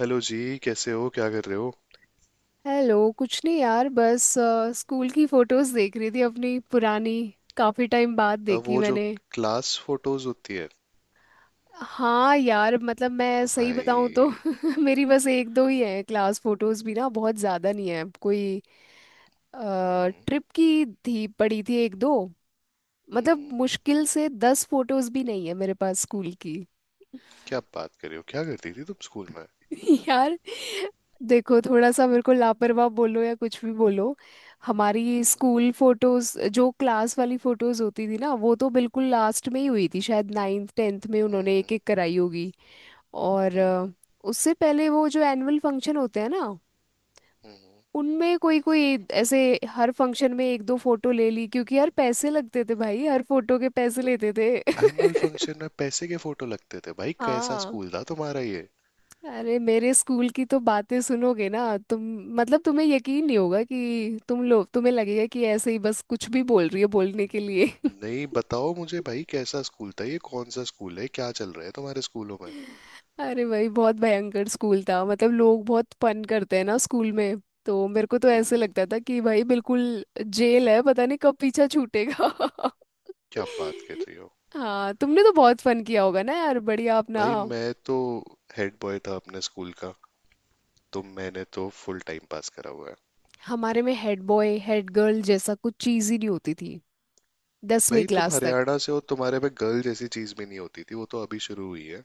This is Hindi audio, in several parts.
हेलो जी, कैसे हो? क्या कर रहे हो? हेलो, कुछ नहीं यार, बस स्कूल की फोटोज देख रही थी अपनी पुरानी। काफी टाइम बाद अब देखी वो जो मैंने। क्लास फोटोज होती है। हाँ यार, मतलब मैं सही बताऊं तो भाई, मेरी बस एक दो ही है क्लास फोटोज भी ना, बहुत ज्यादा नहीं है। कोई ट्रिप की थी, पड़ी थी एक दो। मतलब मुश्किल से दस फोटोज भी नहीं है मेरे पास स्कूल की। क्या बात कर रहे हो? क्या करती थी तुम स्कूल में? यार देखो, थोड़ा सा मेरे को लापरवाह बोलो या कुछ भी बोलो। हमारी स्कूल फोटोज, जो क्लास वाली फोटोज होती थी ना, वो तो बिल्कुल लास्ट में ही हुई थी, शायद नाइन्थ टेंथ में उन्होंने एक एक कराई होगी। और उससे पहले वो जो एनुअल फंक्शन होते हैं ना, उनमें कोई कोई ऐसे हर फंक्शन में एक दो फोटो ले ली, क्योंकि यार पैसे लगते थे, भाई हर फोटो के पैसे लेते थे एनुअल फंक्शन में पैसे के फोटो लगते थे? भाई, कैसा हाँ। स्कूल था तुम्हारा ये? अरे मेरे स्कूल की तो बातें सुनोगे ना तुम। मतलब तुम्हें यकीन नहीं होगा कि तुम लोग, तुम्हें लगेगा कि ऐसे ही बस कुछ भी बोल रही है बोलने के लिए। नहीं बताओ मुझे भाई, कैसा स्कूल था ये? कौन सा स्कूल है? क्या चल रहा है तुम्हारे स्कूलों में? अरे भाई, बहुत भयंकर स्कूल था, मतलब लोग बहुत फन करते हैं ना स्कूल में, तो मेरे को तो ऐसे हम्म। लगता था कि भाई बिल्कुल जेल है, पता नहीं कब पीछा छूटेगा। क्या बात कर रही हो? हाँ, तुमने तो बहुत फन किया होगा ना यार, बढ़िया अपना। भाई, मैं तो हेड बॉय था अपने स्कूल का। तो मैंने तो फुल टाइम पास करा हुआ है। हमारे में हेड बॉय हेड गर्ल जैसा कुछ चीज ही नहीं होती थी, दसवीं भाई, तुम क्लास तक। हरियाणा से हो, तुम्हारे में गर्ल जैसी चीज भी नहीं होती थी, वो तो अभी शुरू हुई है।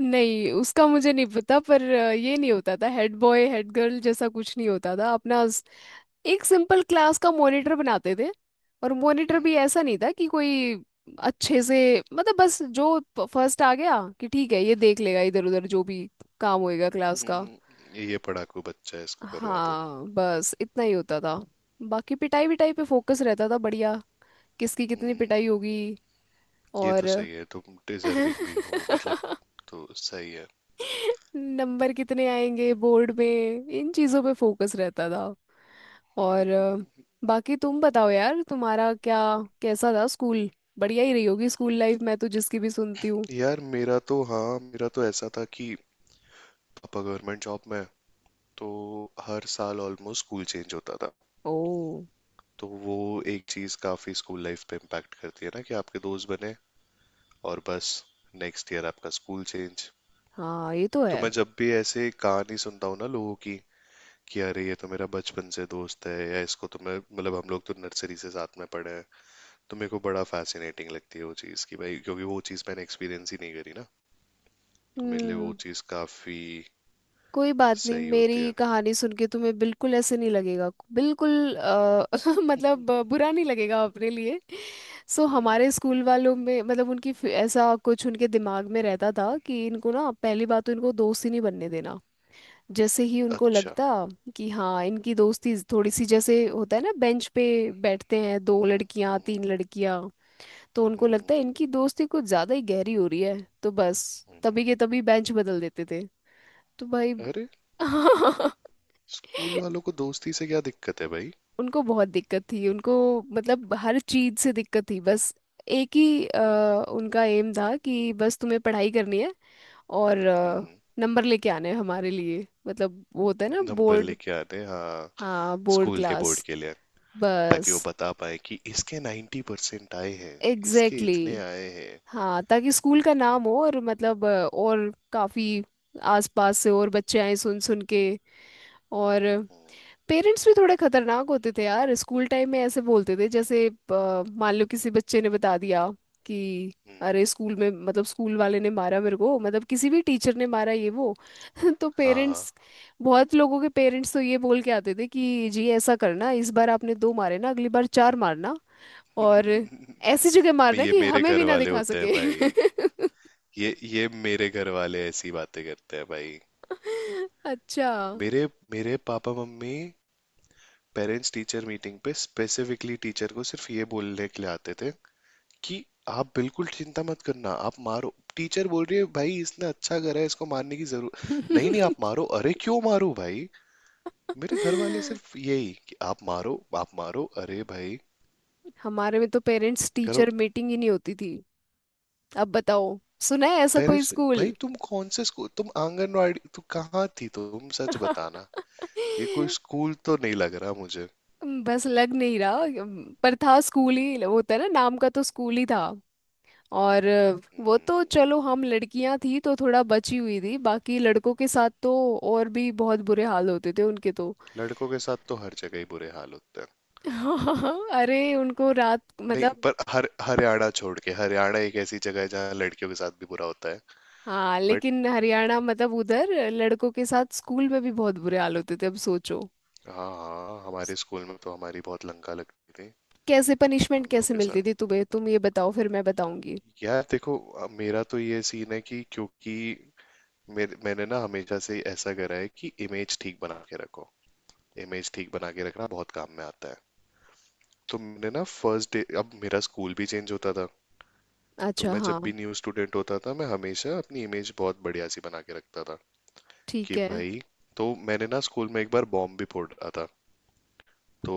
नहीं, उसका मुझे नहीं पता, पर ये नहीं होता था, हेड बॉय हेड गर्ल जैसा कुछ नहीं होता था अपना, एक सिंपल क्लास का मॉनिटर बनाते थे। और मॉनिटर भी हम्म। ऐसा नहीं था कि कोई अच्छे से, मतलब बस जो फर्स्ट आ गया कि ठीक है ये देख लेगा, इधर उधर जो भी काम होएगा क्लास का। हम्म, ये पढ़ाकू बच्चा है, इसको करवा दो। हाँ, बस इतना ही होता था। बाकी पिटाई विटाई पे फोकस रहता था, बढ़िया। किसकी कितनी पिटाई होगी, ये तो और सही है, तुम डिजर्विंग भी हो मतलब। तो सही है। नंबर कितने आएंगे बोर्ड में, इन चीज़ों पे फोकस रहता था। और बाकी तुम बताओ यार, तुम्हारा क्या, कैसा था स्कूल। बढ़िया ही रही होगी स्कूल लाइफ, मैं तो जिसकी भी सुनती हूँ। यार, मेरा तो, हाँ मेरा तो ऐसा था कि पापा गवर्नमेंट जॉब में हैं, तो हर साल ऑलमोस्ट स्कूल चेंज होता था। ओ। तो वो एक चीज काफी स्कूल लाइफ पे इम्पैक्ट करती है ना कि आपके दोस्त बने और बस नेक्स्ट ईयर आपका स्कूल चेंज। हाँ, ये तो तो है। मैं जब भी ऐसे कहानी सुनता हूँ ना लोगों की कि अरे ये तो मेरा बचपन से दोस्त है, या इसको तो मैं, मतलब हम लोग तो नर्सरी से साथ में पढ़े हैं, तो मेरे को बड़ा फैसिनेटिंग लगती है वो चीज़ कि भाई, क्योंकि वो चीज़ मैंने एक्सपीरियंस ही नहीं करी ना। तो मेरे लिए वो हम्म। चीज़ काफ़ी कोई बात नहीं, सही होती मेरी है। कहानी सुन के तुम्हें बिल्कुल ऐसे नहीं लगेगा, बिल्कुल मतलब बुरा नहीं लगेगा अपने लिए। सो हम्म। हमारे स्कूल वालों में, मतलब उनकी ऐसा कुछ उनके दिमाग में रहता था कि इनको ना पहली बात तो इनको दोस्त ही नहीं बनने देना। जैसे ही उनको अच्छा। लगता कि हाँ इनकी दोस्ती थोड़ी सी, जैसे होता है ना, बेंच पे बैठते हैं दो हम्म लड़कियां हम्म। तीन लड़कियां, तो उनको लगता हम्म। है इनकी दोस्ती कुछ ज्यादा ही गहरी हो रही है, तो बस हम्म, हम्म। तभी के तभी बेंच बदल देते थे। तो भाई अरे, स्कूल वालों को दोस्ती से क्या दिक्कत है भाई? उनको बहुत दिक्कत थी उनको, मतलब हर चीज से दिक्कत थी। बस एक ही उनका एम था कि बस तुम्हें पढ़ाई करनी है। और हम्म। नंबर लेके आने हैं हमारे लिए, मतलब वो होता है ना, नंबर बोर्ड। लेके आते हैं, हाँ। हाँ, बोर्ड स्कूल के क्लास। बोर्ड के लिए। ताकि बस। वो बता पाए कि इसके 90% आए हैं, इसके एग्जैक्टली, इतने exactly। आए हैं, हाँ, ताकि स्कूल का नाम हो, और मतलब और काफी आसपास से और बच्चे आए सुन सुन के। और पेरेंट्स भी थोड़े खतरनाक होते थे यार स्कूल टाइम में, ऐसे बोलते थे जैसे मान लो किसी बच्चे ने बता दिया कि अरे स्कूल में, मतलब स्कूल वाले ने मारा मेरे को, मतलब किसी भी टीचर ने मारा, ये वो। तो हाँ। पेरेंट्स, बहुत लोगों के पेरेंट्स तो ये बोल के आते थे कि जी ऐसा करना, इस बार आपने दो मारे ना, अगली बार चार मारना। और ऐसी जगह मारना ये कि मेरे हमें घर भी ना वाले दिखा होते हैं सके। भाई। ये मेरे घर वाले ऐसी बातें करते हैं भाई। अच्छा। मेरे मेरे पापा मम्मी, पेरेंट्स टीचर मीटिंग पे स्पेसिफिकली टीचर को सिर्फ ये बोलने के लिए आते थे कि आप बिल्कुल चिंता मत करना, आप मारो। टीचर बोल रही है भाई, इसने अच्छा करा है, इसको मारने की जरूरत नहीं। नहीं, आप मारो। अरे क्यों मारो भाई? मेरे घर वाले सिर्फ यही कि आप मारो, आप मारो, अरे भाई। हमारे में तो पेरेंट्स घर। टीचर मीटिंग ही नहीं होती थी। अब बताओ, सुना है ऐसा कोई पेरेंट्स, स्कूल। भाई तुम कौन से स्कूल? तुम आंगनवाड़ी, तू कहाँ थी? तुम सच बताना, ये कोई स्कूल तो नहीं लग रहा मुझे। बस, लग नहीं रहा, पर था, स्कूल ही होता है ना नाम का, तो स्कूल ही था। और वो तो चलो, हम लड़कियां थी तो थोड़ा बची हुई थी, बाकी लड़कों के साथ तो और भी बहुत बुरे हाल होते थे उनके तो। लड़कों के साथ तो हर जगह ही बुरे हाल होते हैं। अरे उनको रात नहीं मतलब। पर हर, हरियाणा छोड़ के, हरियाणा एक ऐसी जगह है जहाँ लड़कियों के साथ भी बुरा होता है। हाँ, बट, लेकिन हरियाणा, मतलब उधर लड़कों के साथ स्कूल में भी बहुत बुरे हाल होते थे, अब सोचो। हाँ हाँ हमारे स्कूल में तो हमारी बहुत लंका लगती थी कैसे पनिशमेंट हम लोगों कैसे के साथ। मिलती थी तुम्हें, तुम ये बताओ फिर मैं बताऊंगी। यार देखो, अब मेरा तो ये सीन है कि क्योंकि मेरे, मैंने ना हमेशा से ऐसा करा है कि इमेज ठीक बना के रखो। इमेज ठीक बना के रखना बहुत काम में आता है। तो मैंने ना फर्स्ट डे, अब मेरा स्कूल भी चेंज होता था, तो अच्छा मैं जब हाँ। भी न्यू स्टूडेंट होता था मैं हमेशा अपनी इमेज बहुत बढ़िया सी बना के रखता था ठीक कि है। भाई। तो मैंने ना स्कूल में एक बार बॉम्ब भी फोड़ रहा था। तो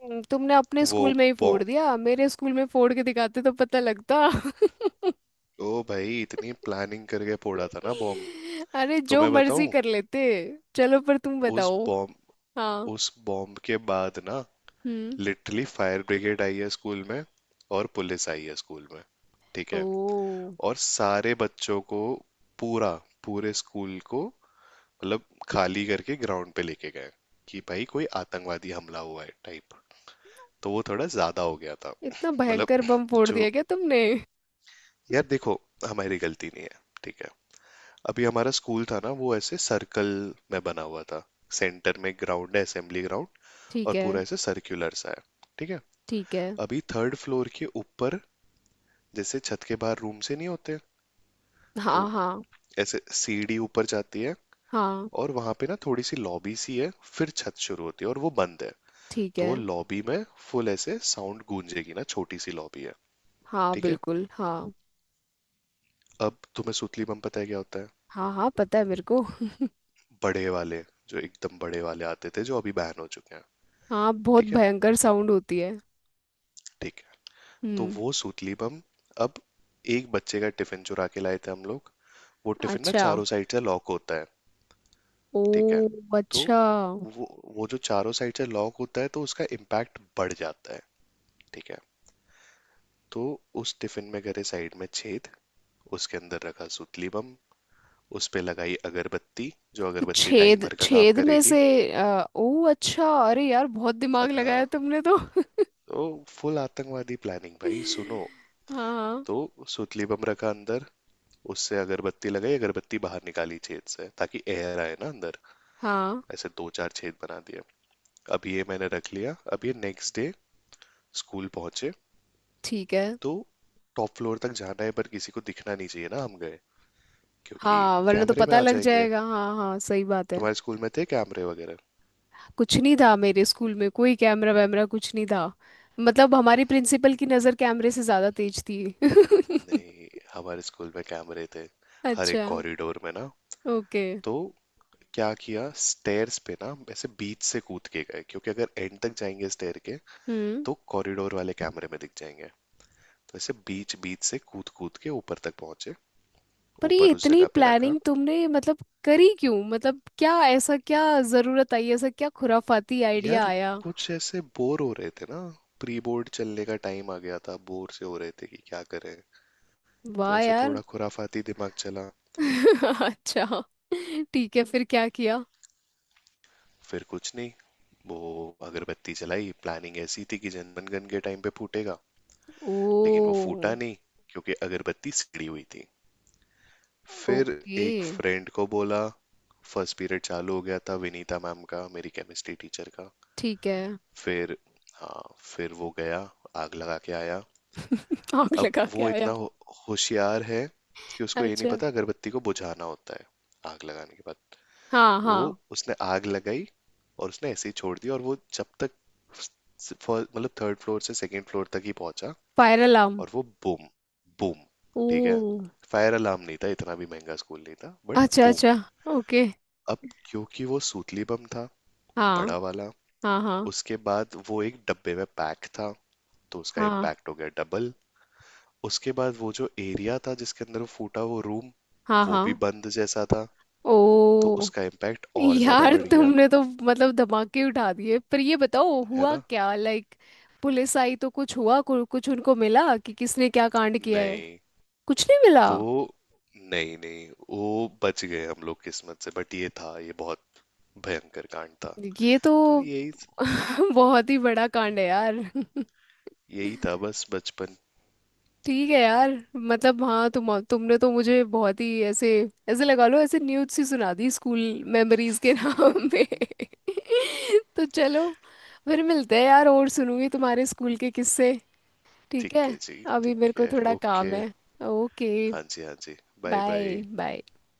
तुमने अपने वो स्कूल में ही फोड़ बॉम्ब। दिया, मेरे स्कूल में फोड़ के दिखाते तो पता लगता ओ भाई, इतनी प्लानिंग करके फोड़ा था ना बॉम्ब। अरे तो जो मैं मर्जी बताऊं। कर लेते। चलो, पर तुम उस बताओ। बॉम्ब, हाँ। उस बॉम्ब के बाद ना हम्म। लिटरली फायर ब्रिगेड आई है स्कूल में, और पुलिस आई है स्कूल में। ठीक ओ, है। और सारे बच्चों को, पूरा, पूरे स्कूल को, मतलब खाली करके ग्राउंड पे लेके गए कि भाई कोई आतंकवादी हमला हुआ है टाइप। तो वो थोड़ा ज्यादा हो गया था इतना मतलब। भयंकर बम फोड़ जो, दिया क्या तुमने। यार देखो, हमारी गलती नहीं है। ठीक है। अभी हमारा स्कूल था ना, वो ऐसे सर्कल में बना हुआ था। सेंटर में ग्राउंड है, असेंबली ग्राउंड, ठीक और पूरा है। ऐसे सर्क्युलर सा है। ठीक है। ठीक है। अभी थर्ड फ्लोर के ऊपर, जैसे छत के बाहर रूम से नहीं होते, तो हाँ हाँ। ऐसे सीढ़ी ऊपर जाती है हाँ। और वहां पे ना थोड़ी सी लॉबी सी है, फिर छत शुरू होती है और वो बंद है। ठीक है। तो लॉबी में फुल ऐसे साउंड गूंजेगी ना, छोटी सी लॉबी है। हाँ ठीक है। बिल्कुल हाँ। अब तुम्हें सुतली बम पता है क्या होता है? हाँ हाँ, पता है मेरे को। बड़े वाले, जो एकदम बड़े वाले आते थे जो अभी बैन हो चुके हैं। हाँ, बहुत ठीक है। भयंकर साउंड होती है। ठीक है। तो हम्म। वो सुतली बम, अब एक बच्चे का टिफिन चुरा के लाए थे हम लोग। वो टिफिन ना अच्छा। चारों साइड से लॉक होता है। ठीक है। ओ तो अच्छा। वो वो जो चारों साइड से लॉक होता है तो उसका इम्पैक्ट बढ़ जाता है। ठीक है। तो उस टिफिन में करे साइड में छेद, उसके अंदर रखा सुतली बम, उसपे लगाई अगरबत्ती जो तो अगरबत्ती छेद, टाइमर का काम छेद में करेगी। से आ, ओ अच्छा, अरे यार बहुत दिमाग अग हाँ। लगाया तुमने तो तो फुल आतंकवादी प्लानिंग भाई सुनो। हाँ तो सुतली बम रखा अंदर, उससे अगरबत्ती लगाई, अगरबत्ती बाहर निकाली छेद से ताकि एयर आए ना अंदर। हाँ। ऐसे दो चार छेद बना दिए। अब ये मैंने रख लिया, अब ये नेक्स्ट डे स्कूल पहुंचे। ठीक है। तो टॉप फ्लोर तक जाना है पर किसी को दिखना नहीं चाहिए ना, हम गए, क्योंकि हाँ, वरना तो कैमरे में पता आ लग जाएंगे। जाएगा, हाँ हाँ, सही बात है। तुम्हारे स्कूल में थे कैमरे वगैरह? कुछ नहीं था मेरे स्कूल में, कोई कैमरा वैमरा कुछ नहीं था। मतलब हमारी प्रिंसिपल की नज़र कैमरे से ज़्यादा तेज थी नहीं, हमारे स्कूल में कैमरे थे हर एक अच्छा। कॉरिडोर में ना। ओके। तो क्या किया, स्टेयर्स पे ना ऐसे बीच से कूद के गए, क्योंकि अगर एंड तक जाएंगे स्टेयर के हम्म। तो कॉरिडोर वाले कैमरे में दिख जाएंगे। तो ऐसे बीच बीच से कूद कूद के ऊपर तक पहुंचे। पर ये ऊपर उस इतनी जगह पे रखा। प्लानिंग तुमने, मतलब करी क्यों, मतलब क्या ऐसा, क्या ज़रूरत आई, ऐसा क्या खुराफाती यार, आइडिया आया। कुछ ऐसे बोर हो रहे थे ना, प्री बोर्ड चलने का टाइम आ गया था, बोर से हो रहे थे कि क्या करें। तो वाह ऐसे यार। थोड़ा खुराफाती दिमाग चला। अच्छा। ठीक है, फिर क्या किया। फिर कुछ नहीं, वो अगरबत्ती जलाई, प्लानिंग ऐसी थी कि जनगण के टाइम पे फूटेगा, लेकिन वो ओ। फूटा नहीं क्योंकि अगरबत्ती सिड़ी हुई थी। फिर ओके। एक फ्रेंड को बोला, फर्स्ट पीरियड चालू हो गया था, विनीता मैम का, मेरी केमिस्ट्री टीचर का। ठीक है। फिर, हाँ फिर वो गया, आग लगा के आया। आग अब लगा के वो इतना आया। होशियार है कि उसको ये नहीं अच्छा। पता अगरबत्ती को बुझाना होता है आग लगाने के बाद। हाँ वो, हाँ। उसने आग लगाई और उसने ऐसे ही छोड़ दी, और वो जब तक मतलब थर्ड फ्लोर से सेकंड फ्लोर तक ही पहुंचा, फायर अलार्म। और वो बूम। बूम। ठीक है। ओ। फायर अलार्म नहीं था, इतना भी महंगा स्कूल नहीं था, बट अच्छा बूम। अच्छा। ओके। अब क्योंकि वो सूतली बम था हाँ बड़ा वाला, हाँ हाँ उसके बाद वो एक डब्बे में पैक था, तो उसका हाँ इम्पैक्ट हो गया डबल। उसके बाद वो जो एरिया था जिसके अंदर वो फूटा, वो रूम, हाँ वो भी हाँ। बंद जैसा था, तो ओ। उसका इम्पैक्ट और ज्यादा यार बढ़ गया। तुमने तो मतलब धमाके उठा दिए, पर ये बताओ है हुआ ना? क्या, लाइक पुलिस आई तो कुछ हुआ, कुछ उनको मिला कि किसने क्या कांड किया है। नहीं कुछ नहीं मिला। तो, नहीं नहीं वो, बच गए हम लोग किस्मत से, बट ये था, ये बहुत भयंकर कांड था। ये तो तो यही, बहुत ही बड़ा कांड है यार यही था बस बचपन। ठीक है यार। मतलब हाँ, तुमने तो मुझे बहुत ही ऐसे, ऐसे लगा लो, ऐसे न्यूज़ सी सुना दी स्कूल मेमोरीज के नाम पे तो चलो, फिर मिलते हैं यार, और सुनूंगी तुम्हारे स्कूल के किस्से। ठीक है। ठीक है जी, अभी मेरे ठीक को है, थोड़ा काम ओके। है। ओके। हाँ जी, हाँ जी। Bye bye. Bye bye.